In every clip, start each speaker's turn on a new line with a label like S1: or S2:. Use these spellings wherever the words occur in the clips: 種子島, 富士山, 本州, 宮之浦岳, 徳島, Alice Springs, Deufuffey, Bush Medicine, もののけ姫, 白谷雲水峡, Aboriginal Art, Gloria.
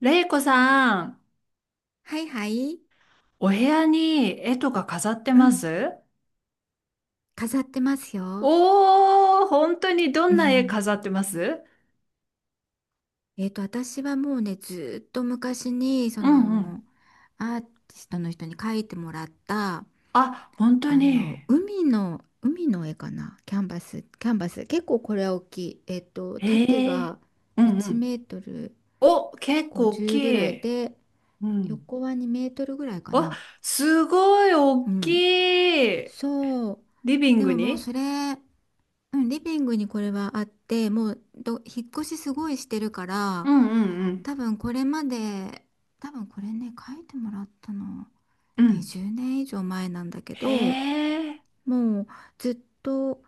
S1: れいこさん、
S2: はいはい。
S1: お部屋に絵とか飾って
S2: う
S1: ま
S2: ん。
S1: す？
S2: 飾ってますよ。
S1: おー、本当にど
S2: う
S1: んな絵
S2: ん。
S1: 飾ってます？
S2: 私はもうね、ずーっと昔に、
S1: うんうん。
S2: アーティストの人に描いてもらった、
S1: あ、本当に。
S2: 海の絵かな。キャンバス。結構これは大きい。縦
S1: ええ、
S2: が
S1: うんう
S2: 1
S1: ん。
S2: メートル
S1: お、結構大き
S2: 50ぐらい
S1: い。
S2: で、
S1: うん。
S2: 横は2メートルぐらいか
S1: あ、
S2: な。
S1: すごい
S2: う
S1: 大き
S2: ん。
S1: い。
S2: そう。
S1: リビン
S2: で
S1: グ
S2: ももう
S1: に？
S2: それ、うん、リビングにこれはあって、もうど、引っ越しすごいしてるか
S1: う
S2: ら、
S1: んうんうん。
S2: 多分これまで、多分これね、書いてもらったの、
S1: うん。
S2: 20年以上前なんだけ
S1: へ
S2: ど、
S1: え。
S2: もうずっと、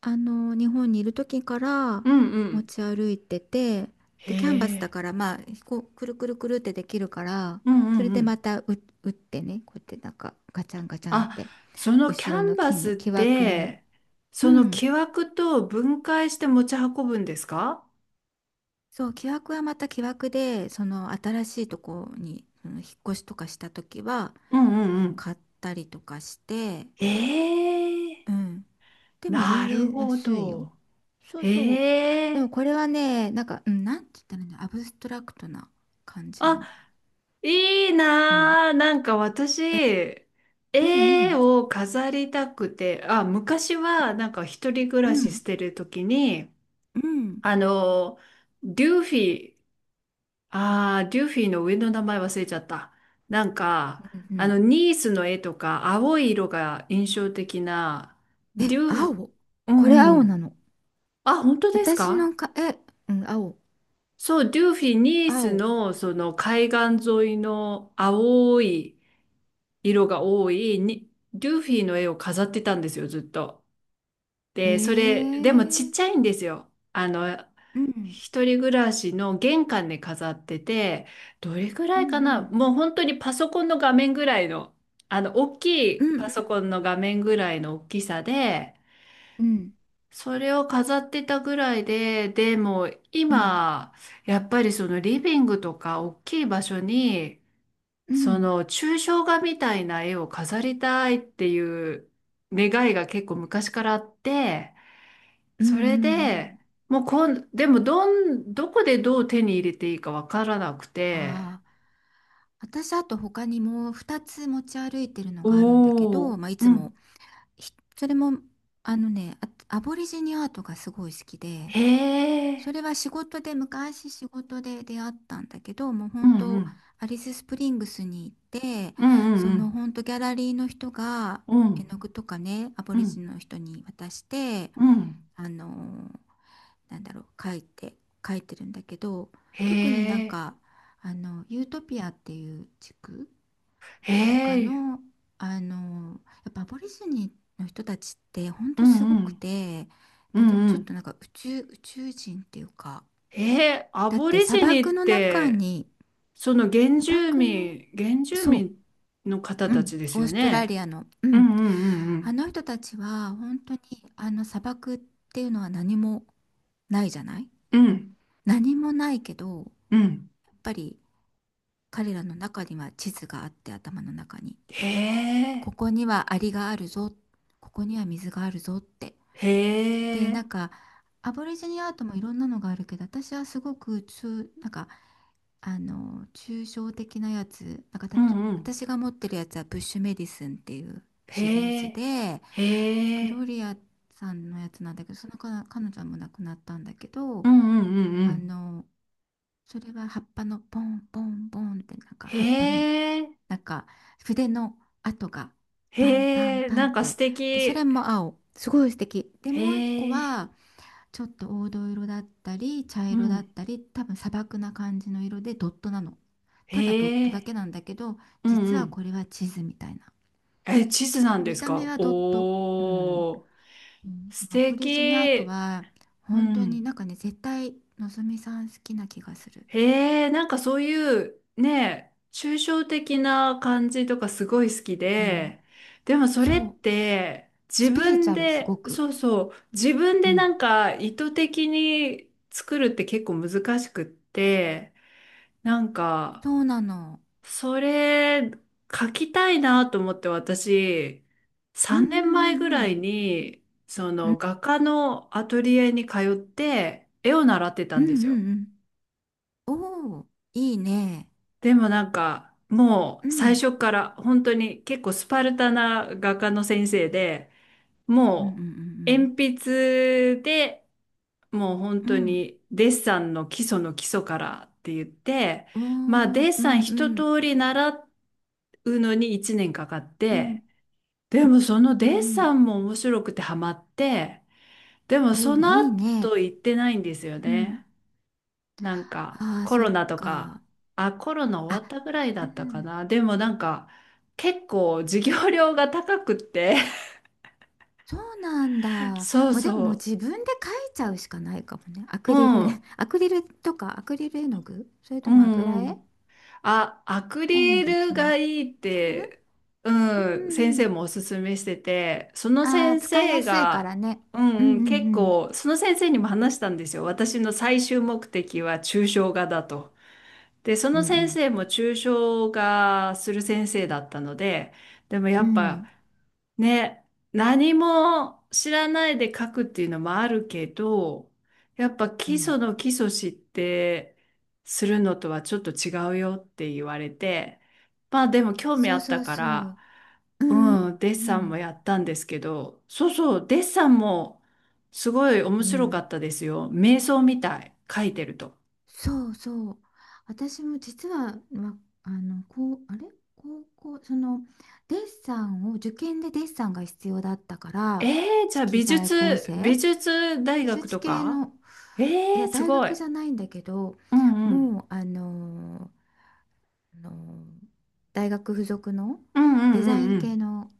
S2: 日本にいる時から
S1: うんう
S2: 持
S1: ん。
S2: ち歩いてて、
S1: へ
S2: で、キャンバスだ
S1: え。
S2: から、まあ、くるくるくるってできるから、
S1: う
S2: それ
S1: んう
S2: でま
S1: ん。
S2: たう打ってね、こうやってガチャンガチャンっ
S1: あ、
S2: て、
S1: そのキャ
S2: 後ろの
S1: ンバ
S2: 金
S1: ス
S2: ね、
S1: っ
S2: 木枠に、
S1: て、
S2: う
S1: その
S2: ん、
S1: 木枠と分解して持ち運ぶんですか？
S2: そう、木枠はまた木枠で、その新しいとこに、うん、引っ越しとかした時は
S1: うんうんうん。
S2: 買ったりとかして、
S1: ええ。
S2: うん。でも
S1: な
S2: 全
S1: る
S2: 然
S1: ほ
S2: 安いよ。
S1: ど。
S2: そうそう。
S1: え
S2: でも
S1: え。
S2: これはね、うん、なんて言ったらいいの、アブストラクトな感じ
S1: あ、
S2: の。
S1: いい
S2: うん。
S1: なー。なんか
S2: え、
S1: 私、
S2: うんう
S1: 絵
S2: ん。
S1: を飾りたくて、あ、昔はなんか一人暮
S2: う
S1: らしし
S2: ん。
S1: てる時に、
S2: うん。
S1: あの、デューフィー、ああ、デューフィーの上の名前忘れちゃった。なんか、
S2: うんう
S1: あ
S2: ん。
S1: の、ニースの絵とか、青い色が印象的な、デュ
S2: え、
S1: ーフ、
S2: 青。
S1: う
S2: これ
S1: んう
S2: 青な
S1: ん。
S2: の。
S1: あ、本当です
S2: 私
S1: か？
S2: のか、え、うん、青。
S1: そう、デューフィー、ニース
S2: 青。
S1: の、その、海岸沿いの青い色が多いに、デューフィーの絵を飾ってたんですよ、ずっと。
S2: へ
S1: で、それ、でもちっちゃ
S2: え。
S1: いんですよ。あの、
S2: うん。
S1: 一人暮らしの玄関で飾ってて、どれぐ
S2: う
S1: ら
S2: ん
S1: いか
S2: う
S1: な、
S2: ん。
S1: もう本当にパソコンの画面ぐらいの、あの、大きい
S2: うんう
S1: パソ
S2: ん。
S1: コンの画面ぐらいの大きさで、
S2: うん。
S1: それを飾ってたぐらいで、でも
S2: うん、
S1: 今、やっぱりそのリビングとか大きい場所に、
S2: う
S1: そ
S2: ん、
S1: の抽象画みたいな絵を飾りたいっていう願いが結構昔からあって、
S2: うんうん
S1: それ
S2: う
S1: で、
S2: ん。
S1: もうこん、でもどん、どこでどう手に入れていいかわからなくて、
S2: ああ、私あと他にも2つ持ち歩いてるのがあるんだけ
S1: お
S2: ど、
S1: お、
S2: まあ、い
S1: う
S2: つも
S1: ん、
S2: それも、あのねアボリジニアートがすごい好きで、
S1: へえ、
S2: それは仕事で昔仕事で出会ったんだけど、もう
S1: うん
S2: 本
S1: う
S2: 当、
S1: ん、
S2: アリススプリングスに行って、
S1: うん
S2: そ
S1: う
S2: の
S1: ん
S2: 本当、ギャラリーの人が
S1: うん、う
S2: 絵
S1: ん
S2: の具とかね、アボ
S1: う
S2: リジ
S1: ん
S2: ニの人に渡して、
S1: うん、
S2: あのなんだろう、書いてるんだけど、
S1: へ
S2: 特に
S1: え、
S2: ユートピアっていう地区
S1: へ
S2: とか
S1: え、
S2: の、やっぱアボリジニの人たちってほん
S1: う
S2: とす
S1: ん
S2: ご
S1: う
S2: く
S1: ん、
S2: て、
S1: う
S2: また
S1: んう
S2: ちょっ
S1: ん、
S2: となんか、宇宙人っていうか、
S1: へえ、ア
S2: だっ
S1: ボ
S2: て
S1: リ
S2: 砂
S1: ジニ
S2: 漠
S1: っ
S2: の中
S1: て、
S2: に、
S1: その原
S2: 砂
S1: 住
S2: 漠の
S1: 民、原住
S2: そ
S1: 民の方
S2: う、う
S1: た
S2: ん、
S1: ちです
S2: オー
S1: よ
S2: ストラリ
S1: ね？
S2: アの、う
S1: うん
S2: ん、
S1: うんう
S2: あ
S1: ん
S2: の人たちは本当に、あの砂漠っていうのは何もないじゃない、
S1: うん、うん
S2: 何もないけど、
S1: うん、
S2: やっぱり彼らの中には地図があって、頭の中に、
S1: へえ、
S2: ここにはアリがあるぞ、ここには水があるぞって。
S1: へ
S2: でな
S1: え、
S2: んか、アボリジニアートもいろんなのがあるけど、私はすごく、中なんか抽象的なやつ、なんかた
S1: う
S2: と
S1: んうん。
S2: 私が持ってるやつは「ブッシュメディスン」っていうシリー
S1: へ
S2: ズ
S1: え、
S2: で、
S1: へ
S2: グロ
S1: え、
S2: リアさんのやつなんだけど、彼女も亡くなったんだけ
S1: う
S2: ど、
S1: んうんうんう
S2: あ
S1: ん。
S2: のそれは葉っぱの、ポンポンポンって、
S1: へ
S2: 葉っぱの、
S1: え、
S2: なんか筆の跡が、パンパ
S1: へ
S2: ン
S1: え、
S2: パン
S1: な
S2: っ
S1: んか素
S2: て。で、それ
S1: 敵。
S2: も青。すごい素敵。で、
S1: へ
S2: もう一個
S1: え、
S2: はちょっと黄土色だったり茶
S1: う
S2: 色だっ
S1: ん、
S2: たり、多分砂漠な感じの色でドットなの。ただドッ
S1: へ
S2: トだ
S1: え、
S2: けなんだけど、
S1: う
S2: 実
S1: んう
S2: はこ
S1: ん。
S2: れは地図みたいな。
S1: え、地図
S2: で
S1: な
S2: も
S1: んで
S2: 見
S1: す
S2: た目
S1: か？
S2: はドット。うん。
S1: おー、
S2: うん、
S1: 素
S2: アボリジニアート
S1: 敵。
S2: は
S1: う
S2: 本当に
S1: ん、
S2: 絶対のぞみさん好きな気がする。
S1: へえ、なんかそういうね、抽象的な感じとかすごい好き
S2: うん。
S1: で、でもそれっ
S2: そう。
S1: て自
S2: スピリチ
S1: 分
S2: ュアルす
S1: で、
S2: ごく。
S1: そうそう、自分
S2: う
S1: で
S2: ん。
S1: なんか意図的に作るって結構難しくって、なんか
S2: そうなの。
S1: それ書きたいなと思って私、
S2: うんう
S1: 3年前ぐ
S2: んう
S1: ら
S2: ん
S1: いにそ
S2: うん
S1: の画家のアトリエに通って絵を習ってた
S2: うん
S1: んです
S2: う
S1: よ。
S2: んうんうん。おおー、いいね。
S1: でもなんか、も
S2: う
S1: う最
S2: ん
S1: 初から本当に結構スパルタな画家の先生で、
S2: うんう
S1: もう
S2: ん
S1: 鉛筆で、もう本
S2: う
S1: 当
S2: ん
S1: にデッサンの基礎の基礎からって言って、
S2: うんう
S1: まあ
S2: ん。おお
S1: デ
S2: ー。
S1: ッ
S2: う
S1: サン
S2: ん
S1: 一
S2: うん
S1: 通り習うのに1年かかっ
S2: うん
S1: て、でもその
S2: う
S1: デッ
S2: んう
S1: サ
S2: ん。
S1: ンも面白くてハマって、でも
S2: お
S1: そ
S2: お、
S1: の
S2: いいね。
S1: 後行ってないんですよ
S2: うん。
S1: ね。なんか
S2: あー、
S1: コ
S2: そ
S1: ロ
S2: っ
S1: ナとか、
S2: か。
S1: あ、コロナ
S2: あ、
S1: 終わったぐらいだ
S2: う
S1: ったか
S2: ん。
S1: な。でもなんか結構授業料が高くって
S2: そうなんだ。
S1: そう
S2: まあ、でももう
S1: そ
S2: 自分で描いちゃうしかないかもね。ア
S1: う。う
S2: クリル
S1: ん、
S2: アクリルとかアクリル絵の具、それ
S1: う
S2: とも
S1: んう
S2: 油絵、
S1: ん。あ、アク
S2: 何
S1: リ
S2: が気
S1: ル
S2: に
S1: がいいっ
S2: アクリル。
S1: て、
S2: うんう
S1: うん、先
S2: んう
S1: 生
S2: ん。
S1: もおすすめしてて、その
S2: あー、
S1: 先
S2: 使いや
S1: 生
S2: すいから
S1: が、
S2: ね。
S1: う
S2: うんう
S1: んうん、結
S2: んうん
S1: 構、その先生にも話したんですよ。私の最終目的は抽象画だと。で、そ
S2: う
S1: の先
S2: ん
S1: 生も抽象画する先生だったので、でもや
S2: うん。
S1: っ
S2: う
S1: ぱ
S2: ん。
S1: ね、何も知らないで書くっていうのもあるけど、やっぱ
S2: う
S1: 基
S2: ん。
S1: 礎の基礎知ってするのとはちょっと違うよって言われて、まあでも興味
S2: そ
S1: あ
S2: う
S1: った
S2: そう
S1: か
S2: そ
S1: ら、
S2: う。うんう
S1: うん、デッサン
S2: ん
S1: もやったんですけど、そうそう、デッサンもすごい面
S2: う
S1: 白か
S2: ん。
S1: ったですよ。瞑想みたい、書いてると。
S2: そうそう。私も実は、わあの、こう、あれ高校、デッサンを、受験でデッサンが必要だったか
S1: え
S2: ら、
S1: ー、じゃあ
S2: 色
S1: 美
S2: 彩
S1: 術、
S2: 構成、
S1: 美術大
S2: 美
S1: 学
S2: 術
S1: と
S2: 系
S1: か？
S2: の、
S1: え
S2: いや、
S1: ー、す
S2: 大
S1: ご
S2: 学
S1: い。
S2: じゃないんだけど、
S1: うんうん。
S2: もう、あの大学附属の
S1: うんう
S2: デ
S1: んう
S2: ザイ
S1: んう
S2: ン系
S1: ん。
S2: の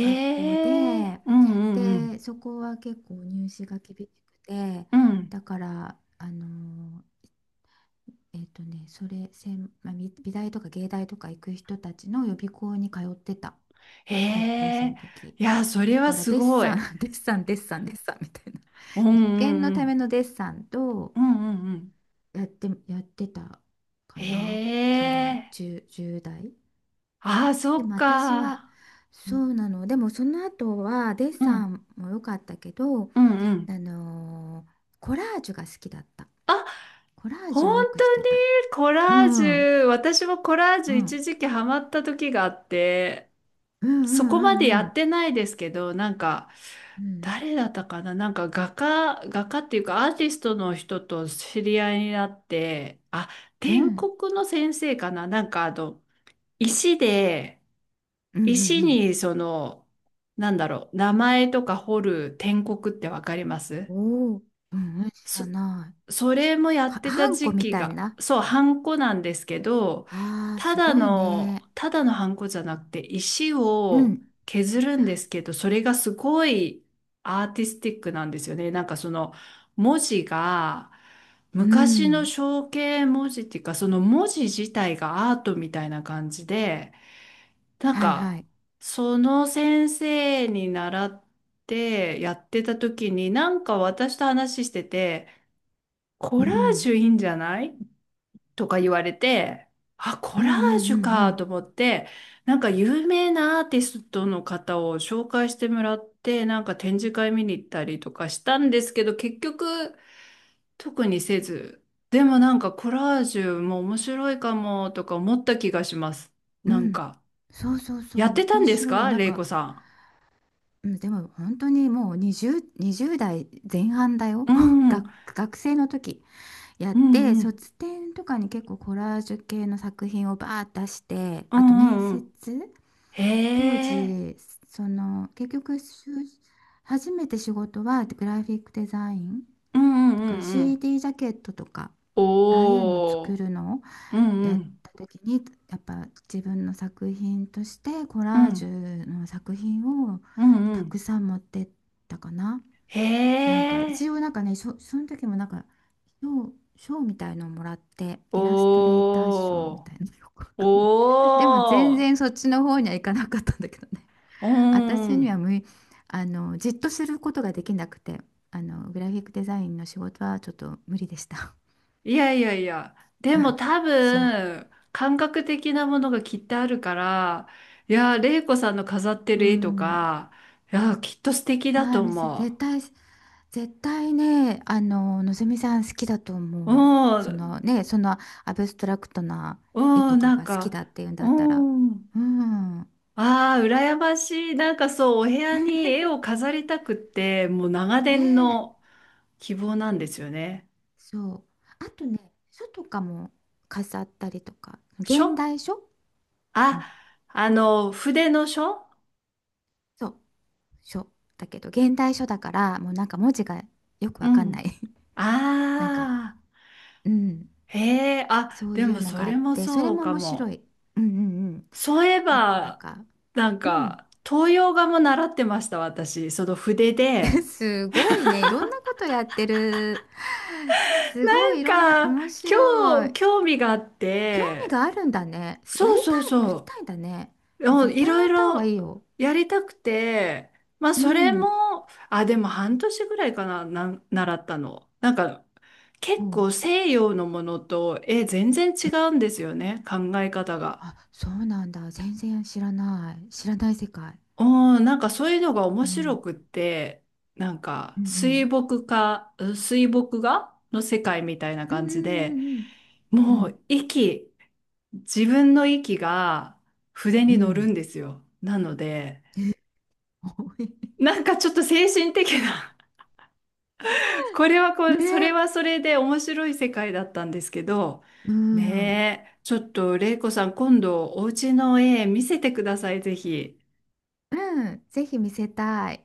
S2: 学校で、
S1: え、うんうんう
S2: で
S1: ん。
S2: そこは結構入試が厳しくて、
S1: うん。
S2: だから、それ専、まあ、美大とか芸大とか行く人たちの予備校に通ってた、
S1: へ
S2: 高校生の
S1: え、
S2: 時。
S1: いや、それ
S2: だ
S1: は
S2: から
S1: す
S2: デッ
S1: ご
S2: サ
S1: い。
S2: ン デッサンデッサンデッサンみたいな、
S1: うんう
S2: 受験の
S1: んう
S2: ため
S1: ん。
S2: のデッサンと、
S1: うんうんうん。
S2: やってたかな、
S1: へ
S2: その
S1: え、
S2: 10代。
S1: ああ、そ
S2: で
S1: っ
S2: も私は、
S1: か。う
S2: そ
S1: ん
S2: うなの。でもその後はデッ
S1: う
S2: サ
S1: ん
S2: ンも良かったけど、
S1: うんうん。
S2: コラージュが好きだった。
S1: あ、
S2: コラージュ
S1: 本
S2: をよく
S1: 当
S2: して
S1: に。
S2: た。
S1: コ
S2: う
S1: ラージ
S2: んうん
S1: ュ、私もコラー
S2: う
S1: ジュ
S2: ん
S1: 一時期ハマった時があって、
S2: う
S1: そこまでや
S2: んう
S1: っ
S2: ん
S1: てないですけど、なんか、
S2: うん
S1: 誰だったかな、なんか画家、画家っていうかアーティストの人と知り合いになって、あ、
S2: う
S1: 篆
S2: ん
S1: 刻の先生かな、なんかあの、石で、
S2: うんう
S1: 石
S2: ん
S1: にその、なんだろう、名前とか彫る篆刻ってわかりま
S2: う
S1: す？
S2: ん。おおー。うんうん、知
S1: そ
S2: らない。
S1: それもやって
S2: ハ
S1: た
S2: ンコ
S1: 時
S2: み
S1: 期
S2: たい
S1: が、
S2: な、
S1: そう、ハンコなんですけど、
S2: あー、
S1: た
S2: す
S1: だ
S2: ごい
S1: の、
S2: ね。
S1: ただのハンコじゃなくて、石
S2: う
S1: を
S2: ん
S1: 削るんですけど、それがすごいアーティスティックなんですよね。なんかその文字が、
S2: う
S1: 昔の
S2: ん、
S1: 象形文字っていうか、その文字自体がアートみたいな感じで、なん
S2: はいは
S1: か、
S2: い、
S1: その先生に習ってやってた時に、なんか私と話してて、
S2: う
S1: コラージ
S2: ん
S1: ュいいんじゃない？とか言われて、あ、コ
S2: うんう
S1: ラージュ
S2: んう
S1: か
S2: ん
S1: と思って、なんか有名なアーティストの方を紹介してもらって、なんか展示会見に行ったりとかしたんですけど、結局特にせず、でもなんかコラージュも面白いかもとか思った気がします。
S2: うん
S1: なん
S2: うん。
S1: か、
S2: そうそうそ
S1: やって
S2: う、
S1: た
S2: 面
S1: んです
S2: 白い。
S1: か、
S2: なん
S1: レイコ
S2: か、
S1: さ
S2: うん、でも本当にもう20代前半
S1: ん。
S2: だよ
S1: う ん、うん、
S2: 学生の時、やっ
S1: う
S2: て、
S1: んうん、
S2: 卒展とかに結構コラージュ系の作品をバーッ出して、
S1: う
S2: あと面
S1: んう
S2: 接、
S1: ん。へ
S2: 当
S1: え、
S2: 時、結局、初めて仕事はグラフィックデザイン
S1: うんう
S2: だ
S1: んう
S2: から、
S1: んうん。
S2: CD ジャケットとかああいうのを
S1: お
S2: 作
S1: ー、
S2: るの
S1: うんう
S2: やっ
S1: ん。
S2: た時に、やっぱ自分の作品としてコ
S1: う
S2: ラージ
S1: ん、
S2: ュの作品を
S1: うん、う
S2: たく
S1: ん。
S2: さん持ってったかな。
S1: へ
S2: 一
S1: え、
S2: 応その時も賞、賞みたいのをもらって、イラストレーター賞
S1: お
S2: み
S1: ー、
S2: たいなの よくわかんない。でも全
S1: お
S2: 然そ
S1: ー、
S2: っちの方には行かなかったんだけどね。
S1: う
S2: 私には
S1: ん。
S2: 無い、じっとすることができなくて、グラフィックデザインの仕事はちょっと無理でした。
S1: いやいやいや、でも多
S2: そう。
S1: 分、感覚的なものがきっとあるから、いや、玲子さんの飾って
S2: う
S1: る絵と
S2: ん。
S1: か、いや、きっと素敵だ
S2: ああ、
S1: と思
S2: 絶対ね、のぞみさん好きだと
S1: う。う
S2: 思う。
S1: ん、
S2: そのアブストラクトな絵
S1: う
S2: と
S1: ん、
S2: か
S1: なん
S2: が好き
S1: か、
S2: だっていうんだ
S1: う
S2: ったら。
S1: ん。
S2: うん。
S1: ああ、羨ましい。なんかそう、お部屋に絵を飾りたくって、もう長
S2: ね
S1: 年の
S2: え、
S1: 希望なんですよね。
S2: そう。あとね、書とかも飾ったりとか、
S1: しょ
S2: 現
S1: っ
S2: 代書。う
S1: あ、
S2: ん。
S1: あの、筆の書。
S2: そう、書。だけど、現代書だから、もうなんか文字がよくわ
S1: う
S2: かんない。
S1: ん。
S2: なんか、
S1: ああ、
S2: うん。
S1: へえ、あ、
S2: そう
S1: で
S2: い
S1: も
S2: うの
S1: そ
S2: があ
S1: れ
S2: っ
S1: も
S2: て、それ
S1: そう
S2: も
S1: か
S2: 面白
S1: も。
S2: い。うんうんうん。
S1: そういえ
S2: ちょっとなん
S1: ば、
S2: か、
S1: なん
S2: うん。
S1: か、東洋画も習ってました、私。その筆 で。
S2: すごいね。いろんなことやってる。すご
S1: な
S2: いい
S1: ん
S2: ろんな、
S1: か、
S2: 面
S1: 今
S2: 白
S1: 日、
S2: い。
S1: 興味があっ
S2: 興味
S1: て、
S2: があるんだね。やり
S1: そうそう
S2: たい、やり
S1: そ
S2: たいんだね。
S1: う、
S2: いや、
S1: うん、
S2: 絶
S1: い
S2: 対
S1: ろ
S2: や
S1: い
S2: った方がい
S1: ろ
S2: いよ。
S1: やりたくて、まあ、
S2: う
S1: それも、
S2: ん。
S1: あ、でも半年ぐらいかな、習ったの。なんか、
S2: お
S1: 結
S2: う。
S1: 構西洋のものと、え、全然違
S2: うん、
S1: うんですよね、考え方が。
S2: あ、そうなんだ。全然知らない。知らない世界。
S1: うん、なんかそういうのが面
S2: う
S1: 白
S2: ん。
S1: くって、なんか
S2: うんう
S1: 水
S2: ん。
S1: 墨画、うん水墨画の世界みたいな
S2: うん
S1: 感じ
S2: う
S1: で、
S2: んうんう
S1: も
S2: ん。
S1: う息、自分の息が筆
S2: う
S1: に
S2: んう
S1: 乗るん
S2: ん。
S1: ですよ。なので、
S2: 多い
S1: なんかちょっと精神的な これはこ
S2: ね
S1: れ、それ
S2: え。
S1: はそれで面白い世界だったんですけど、
S2: うん。
S1: ねえ、ちょっと玲子さん、今度お家の絵見せてください、ぜひ。
S2: うん。ぜひ見せたい。